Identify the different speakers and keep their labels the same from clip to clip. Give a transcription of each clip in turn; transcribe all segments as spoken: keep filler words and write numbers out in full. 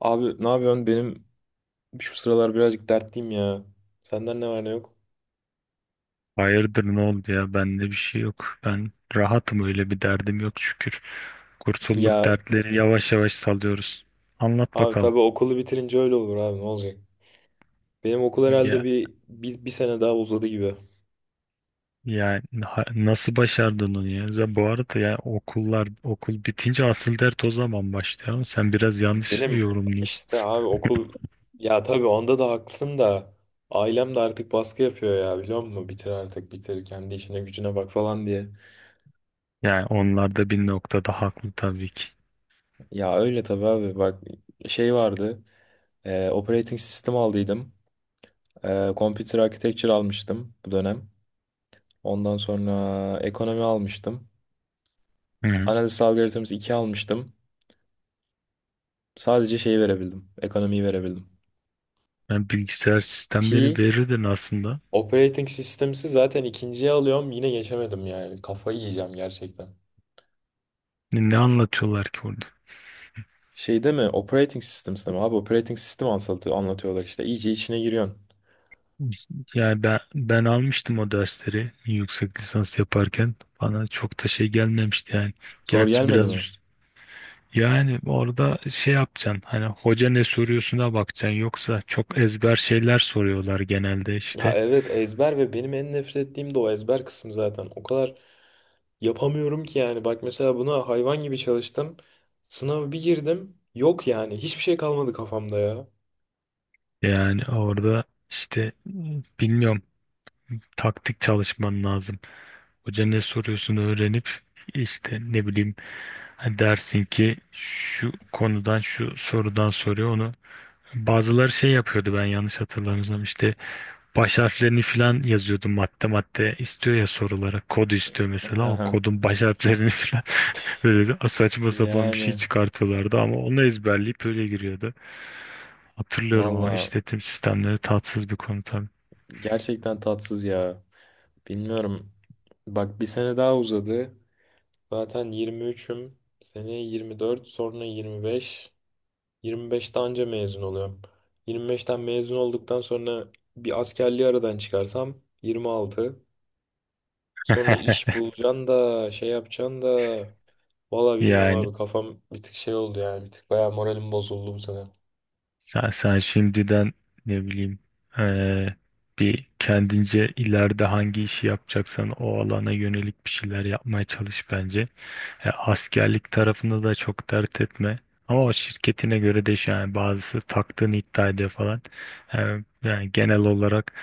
Speaker 1: Abi ne yapıyorsun? Benim şu sıralar birazcık dertliyim ya. Senden ne var ne yok?
Speaker 2: Hayırdır ne oldu ya, bende bir şey yok. Ben rahatım, öyle bir derdim yok, şükür. Kurtulduk,
Speaker 1: Ya
Speaker 2: dertleri yavaş yavaş salıyoruz. Anlat
Speaker 1: abi
Speaker 2: bakalım.
Speaker 1: tabii okulu bitirince öyle olur abi ne olacak? Benim okul herhalde
Speaker 2: Ya
Speaker 1: bir, bir, bir sene daha uzadı gibi.
Speaker 2: ya ha- nasıl başardın onu ya? Za- Bu arada ya, okullar okul bitince asıl dert o zaman başlıyor, ama sen biraz yanlış
Speaker 1: Benim
Speaker 2: yorumluyorsun.
Speaker 1: işte abi okul ya tabii onda da haklısın da ailem de artık baskı yapıyor ya biliyor musun? Bitir artık bitir kendi işine gücüne bak falan diye.
Speaker 2: Yani onlar da bir noktada haklı, tabii ki.
Speaker 1: Ya öyle tabii abi bak şey vardı. E, operating sistem aldıydım. E, computer architecture almıştım bu dönem. Ondan sonra ekonomi almıştım.
Speaker 2: Hı.
Speaker 1: Analiz algoritması iki almıştım. Sadece şeyi verebildim. Ekonomiyi verebildim.
Speaker 2: Yani bilgisayar sistemleri
Speaker 1: Ki
Speaker 2: verirdin aslında.
Speaker 1: operating systems'i zaten ikinciye alıyorum. Yine geçemedim yani. Kafayı yiyeceğim gerçekten.
Speaker 2: Ne ne anlatıyorlar ki orada?
Speaker 1: Şey değil mi? Operating systems'te mi? Abi operating sistem anlatı- anlatıyorlar işte. İyice içine giriyorsun.
Speaker 2: Yani ben, ben almıştım o dersleri yüksek lisans yaparken. Bana çok da şey gelmemişti yani.
Speaker 1: Zor
Speaker 2: Gerçi
Speaker 1: gelmedi
Speaker 2: biraz
Speaker 1: mi?
Speaker 2: üst- yani orada şey yapacaksın, hani hoca ne soruyorsuna bakacaksın, yoksa çok ezber şeyler soruyorlar genelde
Speaker 1: Ya
Speaker 2: işte.
Speaker 1: evet, ezber, ve benim en nefret ettiğim de o ezber kısmı zaten. O kadar yapamıyorum ki yani. Bak mesela buna hayvan gibi çalıştım. Sınava bir girdim. Yok yani. Hiçbir şey kalmadı kafamda ya.
Speaker 2: Yani orada işte ıı, bilmiyorum, taktik çalışman lazım. Hoca ne soruyorsun öğrenip, işte ne bileyim, hani dersin ki şu konudan şu sorudan soruyor onu. Bazıları şey yapıyordu, ben yanlış hatırlamıyorsam işte baş harflerini filan yazıyordu, madde madde istiyor ya sorulara, kod istiyor mesela, o
Speaker 1: Haha.
Speaker 2: kodun baş harflerini filan, böyle de saçma sapan bir şey
Speaker 1: Yani
Speaker 2: çıkartıyorlardı, ama onu ezberleyip öyle giriyordu. Hatırlıyorum, ama
Speaker 1: valla
Speaker 2: işletim sistemleri tatsız bir konu tabii.
Speaker 1: gerçekten tatsız ya. Bilmiyorum. Bak bir sene daha uzadı. Zaten yirmi üçüm. Seneye yirmi dört, sonra yirmi beş. yirmi beşte anca mezun oluyorum. yirmi beşten mezun olduktan sonra bir askerliği aradan çıkarsam yirmi altı. Sonra iş bulacaksın da şey yapacaksın da valla bilmiyorum
Speaker 2: Yani
Speaker 1: abi, kafam bir tık şey oldu yani. Bir tık bayağı moralim bozuldu bu sene.
Speaker 2: sen, sen şimdiden, ne bileyim, eee, bir kendince ileride hangi işi yapacaksan o alana yönelik bir şeyler yapmaya çalış bence. E, askerlik tarafında da çok dert etme. Ama o şirketine göre değişiyor. Yani bazısı taktığını iddia ediyor falan. E, yani genel olarak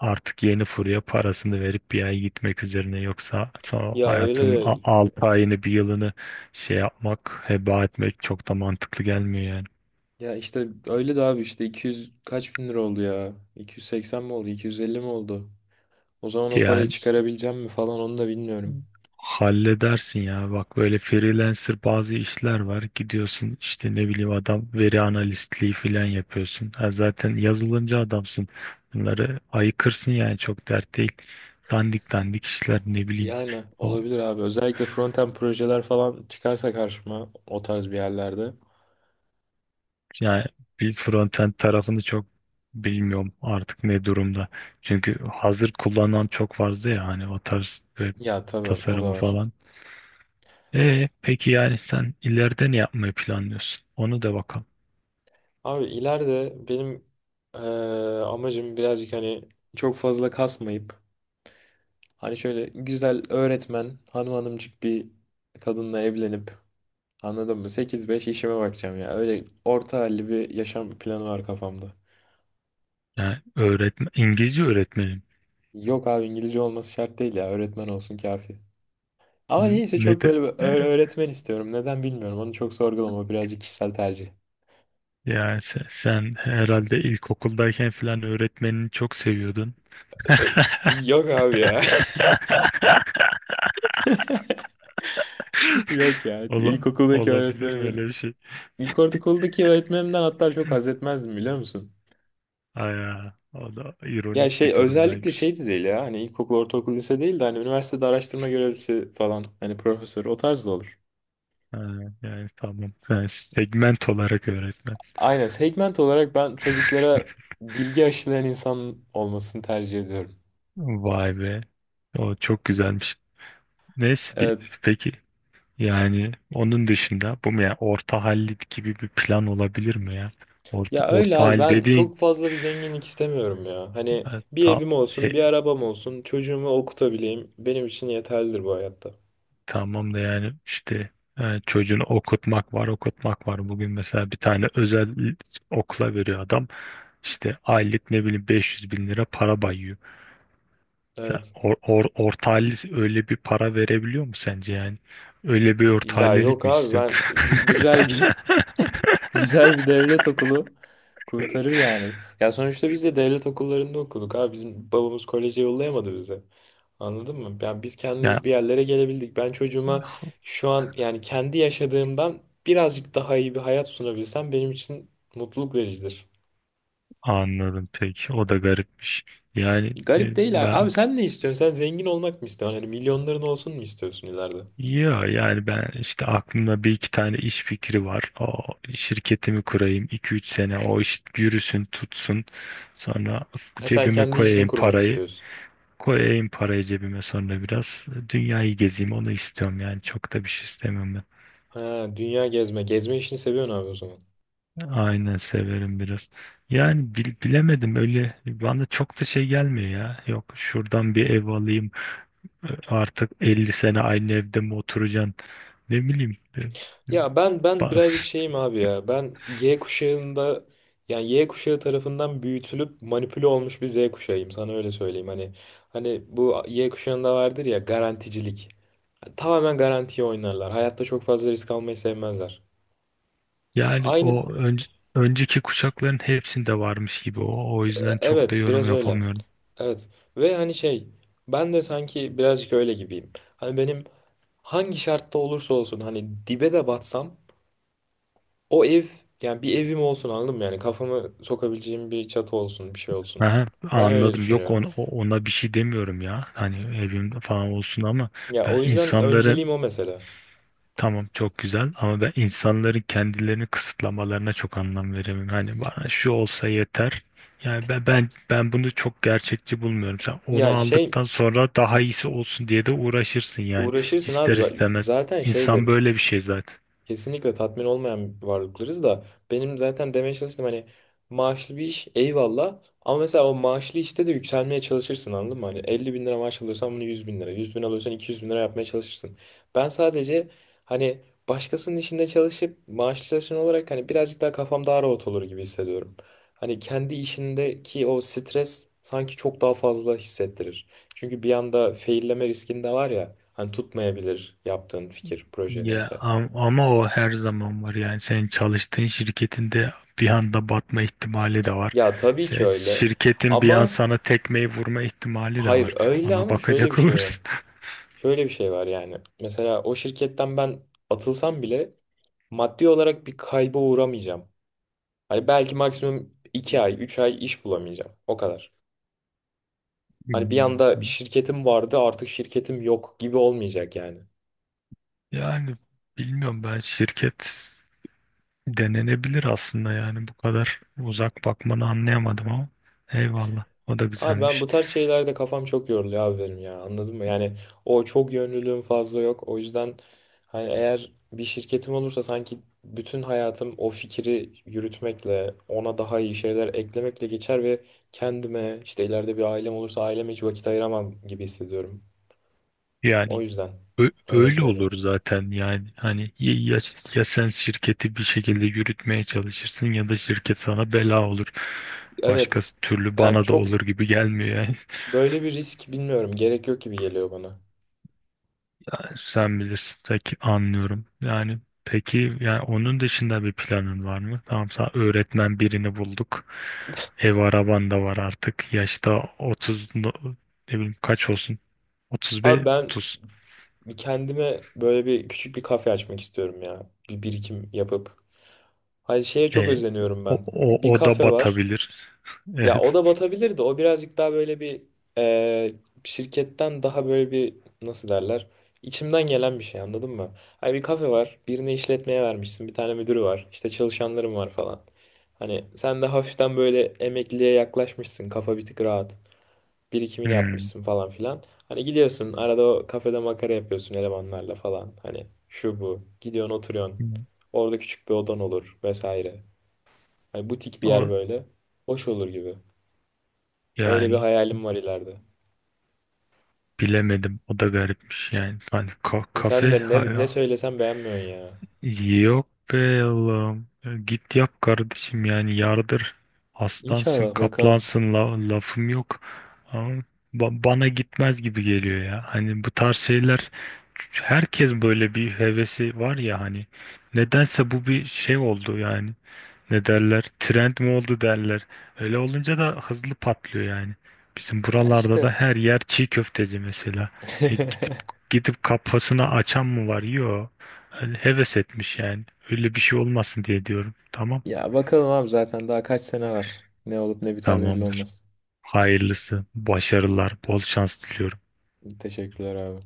Speaker 2: artık yeni furya parasını verip bir ay gitmek üzerine, yoksa sonra
Speaker 1: Ya öyle
Speaker 2: hayatın
Speaker 1: de
Speaker 2: altı ayını bir yılını şey yapmak, heba etmek çok da mantıklı gelmiyor yani.
Speaker 1: Ya işte öyle de abi, işte iki yüz kaç bin lira oldu ya? iki yüz seksen mi oldu? iki yüz elli mi oldu? O zaman o parayı
Speaker 2: Yani
Speaker 1: çıkarabileceğim mi falan onu da bilmiyorum.
Speaker 2: halledersin ya. Bak, böyle freelancer bazı işler var. Gidiyorsun, işte ne bileyim, adam veri analistliği falan yapıyorsun. Ha, zaten yazılımcı adamsın. Bunları ayıkırsın yani, çok dert değil. Dandik dandik işler, ne bileyim.
Speaker 1: Yani
Speaker 2: O,
Speaker 1: olabilir abi. Özellikle frontend projeler falan çıkarsa karşıma, o tarz bir yerlerde.
Speaker 2: yani bir frontend tarafını çok bilmiyorum artık ne durumda. Çünkü hazır kullanan çok fazla ya, hani o tarz e,
Speaker 1: Ya tabii o da
Speaker 2: tasarımı
Speaker 1: var.
Speaker 2: falan. E peki, yani sen ileride ne yapmayı planlıyorsun? Onu da bakalım.
Speaker 1: Abi ileride benim eee, amacım birazcık hani çok fazla kasmayıp hani şöyle güzel öğretmen hanım hanımcık bir kadınla evlenip, anladın mı? sekiz beş işime bakacağım ya. Öyle orta halli bir yaşam planı var kafamda.
Speaker 2: Yani öğretmen, İngilizce öğretmenim.
Speaker 1: Yok abi, İngilizce olması şart değil ya. Öğretmen olsun kafi. Ama
Speaker 2: N-
Speaker 1: niyeyse
Speaker 2: Ne
Speaker 1: çok
Speaker 2: de,
Speaker 1: böyle bir öğ-
Speaker 2: e,
Speaker 1: öğretmen istiyorum. Neden bilmiyorum. Onu çok sorgulama. Birazcık kişisel tercih.
Speaker 2: yani sen, sen herhalde ilkokuldayken falan öğretmenini çok seviyordun.
Speaker 1: Ee, Yok abi ya. Yok ya.
Speaker 2: Ola,
Speaker 1: İlkokuldaki
Speaker 2: olabilir mi öyle
Speaker 1: öğretmenim,
Speaker 2: bir şey?
Speaker 1: ilkokuldaki öğretmenimden hatta çok haz etmezdim biliyor musun?
Speaker 2: Aya, o da
Speaker 1: Ya
Speaker 2: ironik
Speaker 1: şey,
Speaker 2: bir
Speaker 1: özellikle
Speaker 2: durumdaymış.
Speaker 1: şey de değil ya. Hani ilkokul, ortaokul, lise değil de hani üniversitede araştırma görevlisi falan. Hani profesör o tarz da olur.
Speaker 2: Ha, yani tamam. Ben segment olarak öğretmen.
Speaker 1: Aynen, segment olarak ben çocuklara bilgi aşılayan insan olmasını tercih ediyorum.
Speaker 2: Vay be. O çok güzelmiş. Neyse bir,
Speaker 1: Evet.
Speaker 2: peki. Yani onun dışında bu mu ya, orta hallit gibi bir plan olabilir mi ya? Orta,
Speaker 1: Ya öyle
Speaker 2: orta
Speaker 1: abi,
Speaker 2: hal
Speaker 1: ben
Speaker 2: dediğin
Speaker 1: çok fazla bir zenginlik istemiyorum ya. Hani
Speaker 2: e,
Speaker 1: bir
Speaker 2: ta-
Speaker 1: evim olsun,
Speaker 2: e,
Speaker 1: bir arabam olsun, çocuğumu okutabileyim, benim için yeterlidir bu hayatta.
Speaker 2: tamam da, yani işte e, çocuğunu okutmak var, okutmak var. Bugün mesela bir tane özel okula veriyor adam, işte aylık ne bileyim 500 bin lira para bayıyor. Sen
Speaker 1: Evet.
Speaker 2: or, or- orta halli öyle bir para verebiliyor mu sence yani? Öyle bir orta
Speaker 1: Ya yok
Speaker 2: hallilik mi
Speaker 1: abi, ben
Speaker 2: istiyorsun?
Speaker 1: gü- güzel güzel bir devlet okulu kurtarır yani. Ya sonuçta biz de devlet okullarında okuduk abi. Bizim babamız koleje yollayamadı bizi. Anladın mı? Ya biz
Speaker 2: Yani,
Speaker 1: kendimiz bir yerlere gelebildik. Ben çocuğuma şu an yani kendi yaşadığımdan birazcık daha iyi bir hayat sunabilsem benim için mutluluk vericidir.
Speaker 2: anladım peki. O da garipmiş. Yani e,
Speaker 1: Garip değil abi. Abi
Speaker 2: ben,
Speaker 1: sen ne istiyorsun? Sen zengin olmak mı istiyorsun? Hani milyonların olsun mu istiyorsun ileride?
Speaker 2: ya yani ben, işte aklımda bir iki tane iş fikri var. O, şirketimi kurayım, iki üç sene o iş yürüsün tutsun. Sonra
Speaker 1: Ha, sen
Speaker 2: cebime
Speaker 1: kendi işini
Speaker 2: koyayım
Speaker 1: kurmak
Speaker 2: parayı.
Speaker 1: istiyorsun.
Speaker 2: Koyayım parayı cebime, sonra biraz dünyayı gezeyim, onu istiyorum yani, çok da bir şey istemem ben.
Speaker 1: Ha, dünya gezme. Gezme işini seviyorsun abi o zaman.
Speaker 2: Aynen, severim biraz. Yani bil- bilemedim, öyle bana çok da şey gelmiyor ya. Yok, şuradan bir ev alayım. Artık elli sene aynı evde mi oturacaksın? Ne bileyim. e, e,
Speaker 1: Ya ben ben birazcık
Speaker 2: bas-
Speaker 1: şeyim abi ya. Ben Y kuşağında, yani Y kuşağı tarafından büyütülüp manipüle olmuş bir Z kuşağıyım. Sana öyle söyleyeyim. Hani hani bu Y kuşağında vardır ya garanticilik. Tamamen garantiye oynarlar. Hayatta çok fazla risk almayı sevmezler.
Speaker 2: Yani
Speaker 1: Aynı,
Speaker 2: o önce, önceki kuşakların hepsinde varmış gibi o. O
Speaker 1: e,
Speaker 2: yüzden çok da
Speaker 1: evet
Speaker 2: yorum
Speaker 1: biraz öyle.
Speaker 2: yapamıyorum.
Speaker 1: Evet, ve hani şey, ben de sanki birazcık öyle gibiyim. Hani benim hangi şartta olursa olsun, hani dibe de batsam, o ev, yani bir evim olsun, anladın mı? Yani kafamı sokabileceğim bir çatı olsun, bir şey olsun.
Speaker 2: Aha,
Speaker 1: Ben öyle
Speaker 2: anladım. Yok,
Speaker 1: düşünüyorum.
Speaker 2: ona, ona bir şey demiyorum ya. Hani evim falan olsun ama
Speaker 1: Ya
Speaker 2: ben
Speaker 1: o yüzden
Speaker 2: insanların
Speaker 1: önceliğim o mesela.
Speaker 2: tamam, çok güzel, ama ben insanların kendilerini kısıtlamalarına çok anlam veremem. Hani bana şu olsa yeter. Yani ben ben ben bunu çok gerçekçi bulmuyorum. Sen onu
Speaker 1: Ya şey,
Speaker 2: aldıktan sonra daha iyisi olsun diye de uğraşırsın yani,
Speaker 1: uğraşırsın
Speaker 2: ister
Speaker 1: abi. Bak,
Speaker 2: istemez.
Speaker 1: zaten
Speaker 2: İnsan
Speaker 1: şeyde,
Speaker 2: böyle bir şey zaten.
Speaker 1: kesinlikle tatmin olmayan varlıklarız da, benim zaten demeye çalıştım hani, maaşlı bir iş eyvallah, ama mesela o maaşlı işte de yükselmeye çalışırsın anladın mı? Hani elli bin lira maaş alıyorsan bunu yüz bin lira, yüz bin alıyorsan iki yüz bin lira yapmaya çalışırsın. Ben sadece hani başkasının işinde çalışıp maaşlı çalışan olarak hani birazcık daha kafam daha rahat olur gibi hissediyorum. Hani kendi işindeki o stres sanki çok daha fazla hissettirir. Çünkü bir anda failleme riskinde var ya, hani tutmayabilir yaptığın fikir, proje,
Speaker 2: Ya
Speaker 1: neyse.
Speaker 2: am- ama o her zaman var yani, senin çalıştığın şirketinde bir anda batma ihtimali de var.
Speaker 1: Ya tabii ki
Speaker 2: Sen-
Speaker 1: öyle.
Speaker 2: Şirketin bir an
Speaker 1: Ama
Speaker 2: sana tekmeyi vurma ihtimali de
Speaker 1: hayır,
Speaker 2: var.
Speaker 1: öyle
Speaker 2: Ona
Speaker 1: ama şöyle bir
Speaker 2: bakacak
Speaker 1: şey var.
Speaker 2: olursun.
Speaker 1: Şöyle bir şey var yani. Mesela o şirketten ben atılsam bile maddi olarak bir kayba uğramayacağım. Hani belki maksimum iki ay, üç ay iş bulamayacağım. O kadar. Hani bir anda şirketim vardı, artık şirketim yok gibi olmayacak yani.
Speaker 2: Yani bilmiyorum, ben şirket denenebilir aslında yani, bu kadar uzak bakmanı anlayamadım, ama eyvallah, o da
Speaker 1: Abi ben bu
Speaker 2: güzelmiş.
Speaker 1: tarz şeylerde kafam çok yoruluyor abi benim ya, anladın mı? Yani o çok yönlülüğüm fazla yok. O yüzden hani eğer bir şirketim olursa sanki bütün hayatım o fikri yürütmekle, ona daha iyi şeyler eklemekle geçer ve kendime, işte ileride bir ailem olursa aileme hiç vakit ayıramam gibi hissediyorum. O
Speaker 2: Yani
Speaker 1: yüzden
Speaker 2: ö-
Speaker 1: öyle
Speaker 2: öyle olur
Speaker 1: söyleyeyim.
Speaker 2: zaten yani, hani ya, ya ya sen şirketi bir şekilde yürütmeye çalışırsın, ya da şirket sana bela olur. Başka
Speaker 1: Evet,
Speaker 2: türlü
Speaker 1: yani
Speaker 2: bana da
Speaker 1: çok
Speaker 2: olur gibi gelmiyor yani.
Speaker 1: böyle bir risk, bilmiyorum, gerek yok gibi geliyor bana.
Speaker 2: Sen bilirsin. Peki, anlıyorum. Yani peki, yani onun dışında bir planın var mı? Tamam, sen öğretmen birini bulduk. Ev araban da var artık. Yaşta otuz, no- ne bileyim, kaç olsun?
Speaker 1: Abi
Speaker 2: otuz beş,
Speaker 1: ben
Speaker 2: otuz.
Speaker 1: kendime böyle bir küçük bir kafe açmak istiyorum ya. Bir birikim yapıp. Hani şeye
Speaker 2: E,
Speaker 1: çok özeniyorum
Speaker 2: o,
Speaker 1: ben.
Speaker 2: o,
Speaker 1: Bir
Speaker 2: o da
Speaker 1: kafe var.
Speaker 2: batabilir.
Speaker 1: Ya
Speaker 2: Evet.
Speaker 1: o da batabilir de, o birazcık daha böyle bir e, şirketten daha böyle bir, nasıl derler, İçimden gelen bir şey, anladın mı? Hani bir kafe var. Birine işletmeye vermişsin. Bir tane müdürü var. İşte çalışanlarım var falan. Hani sen de hafiften böyle emekliliğe yaklaşmışsın. Kafa bir tık rahat. Birikimini
Speaker 2: Hmm.
Speaker 1: yapmışsın falan filan. Hani gidiyorsun arada o kafede makara yapıyorsun elemanlarla falan. Hani şu bu. Gidiyorsun oturuyorsun. Orada küçük bir odan olur vesaire. Hani butik bir yer
Speaker 2: O,
Speaker 1: böyle. Hoş olur gibi. Öyle bir
Speaker 2: yani
Speaker 1: hayalim var ileride.
Speaker 2: bilemedim. O da garipmiş yani. Hani ka-
Speaker 1: Ama sen
Speaker 2: kafe
Speaker 1: de ne, ne
Speaker 2: ha-
Speaker 1: söylesem beğenmiyorsun ya.
Speaker 2: Yok be Allah'ım. Ya, Git yap kardeşim, yani yardır. Aslansın,
Speaker 1: İnşallah bakalım.
Speaker 2: kaplansın, la- lafım yok. Ama ba- bana gitmez gibi geliyor ya. Hani bu tarz şeyler, herkes böyle bir hevesi var ya hani. Nedense bu bir şey oldu yani, ne derler, trend mi oldu derler. Öyle olunca da hızlı patlıyor yani. Bizim
Speaker 1: Ya
Speaker 2: buralarda da
Speaker 1: işte.
Speaker 2: her yer çiğ köfteci mesela. E, gidip gidip kafasını açan mı var? Yok. Öyle heves etmiş yani. Öyle bir şey olmasın diye diyorum. Tamam.
Speaker 1: Ya bakalım abi, zaten daha kaç sene var. Ne olup ne biter belli
Speaker 2: Tamamdır.
Speaker 1: olmaz.
Speaker 2: Hayırlısı, başarılar, bol şans diliyorum.
Speaker 1: Teşekkürler abi.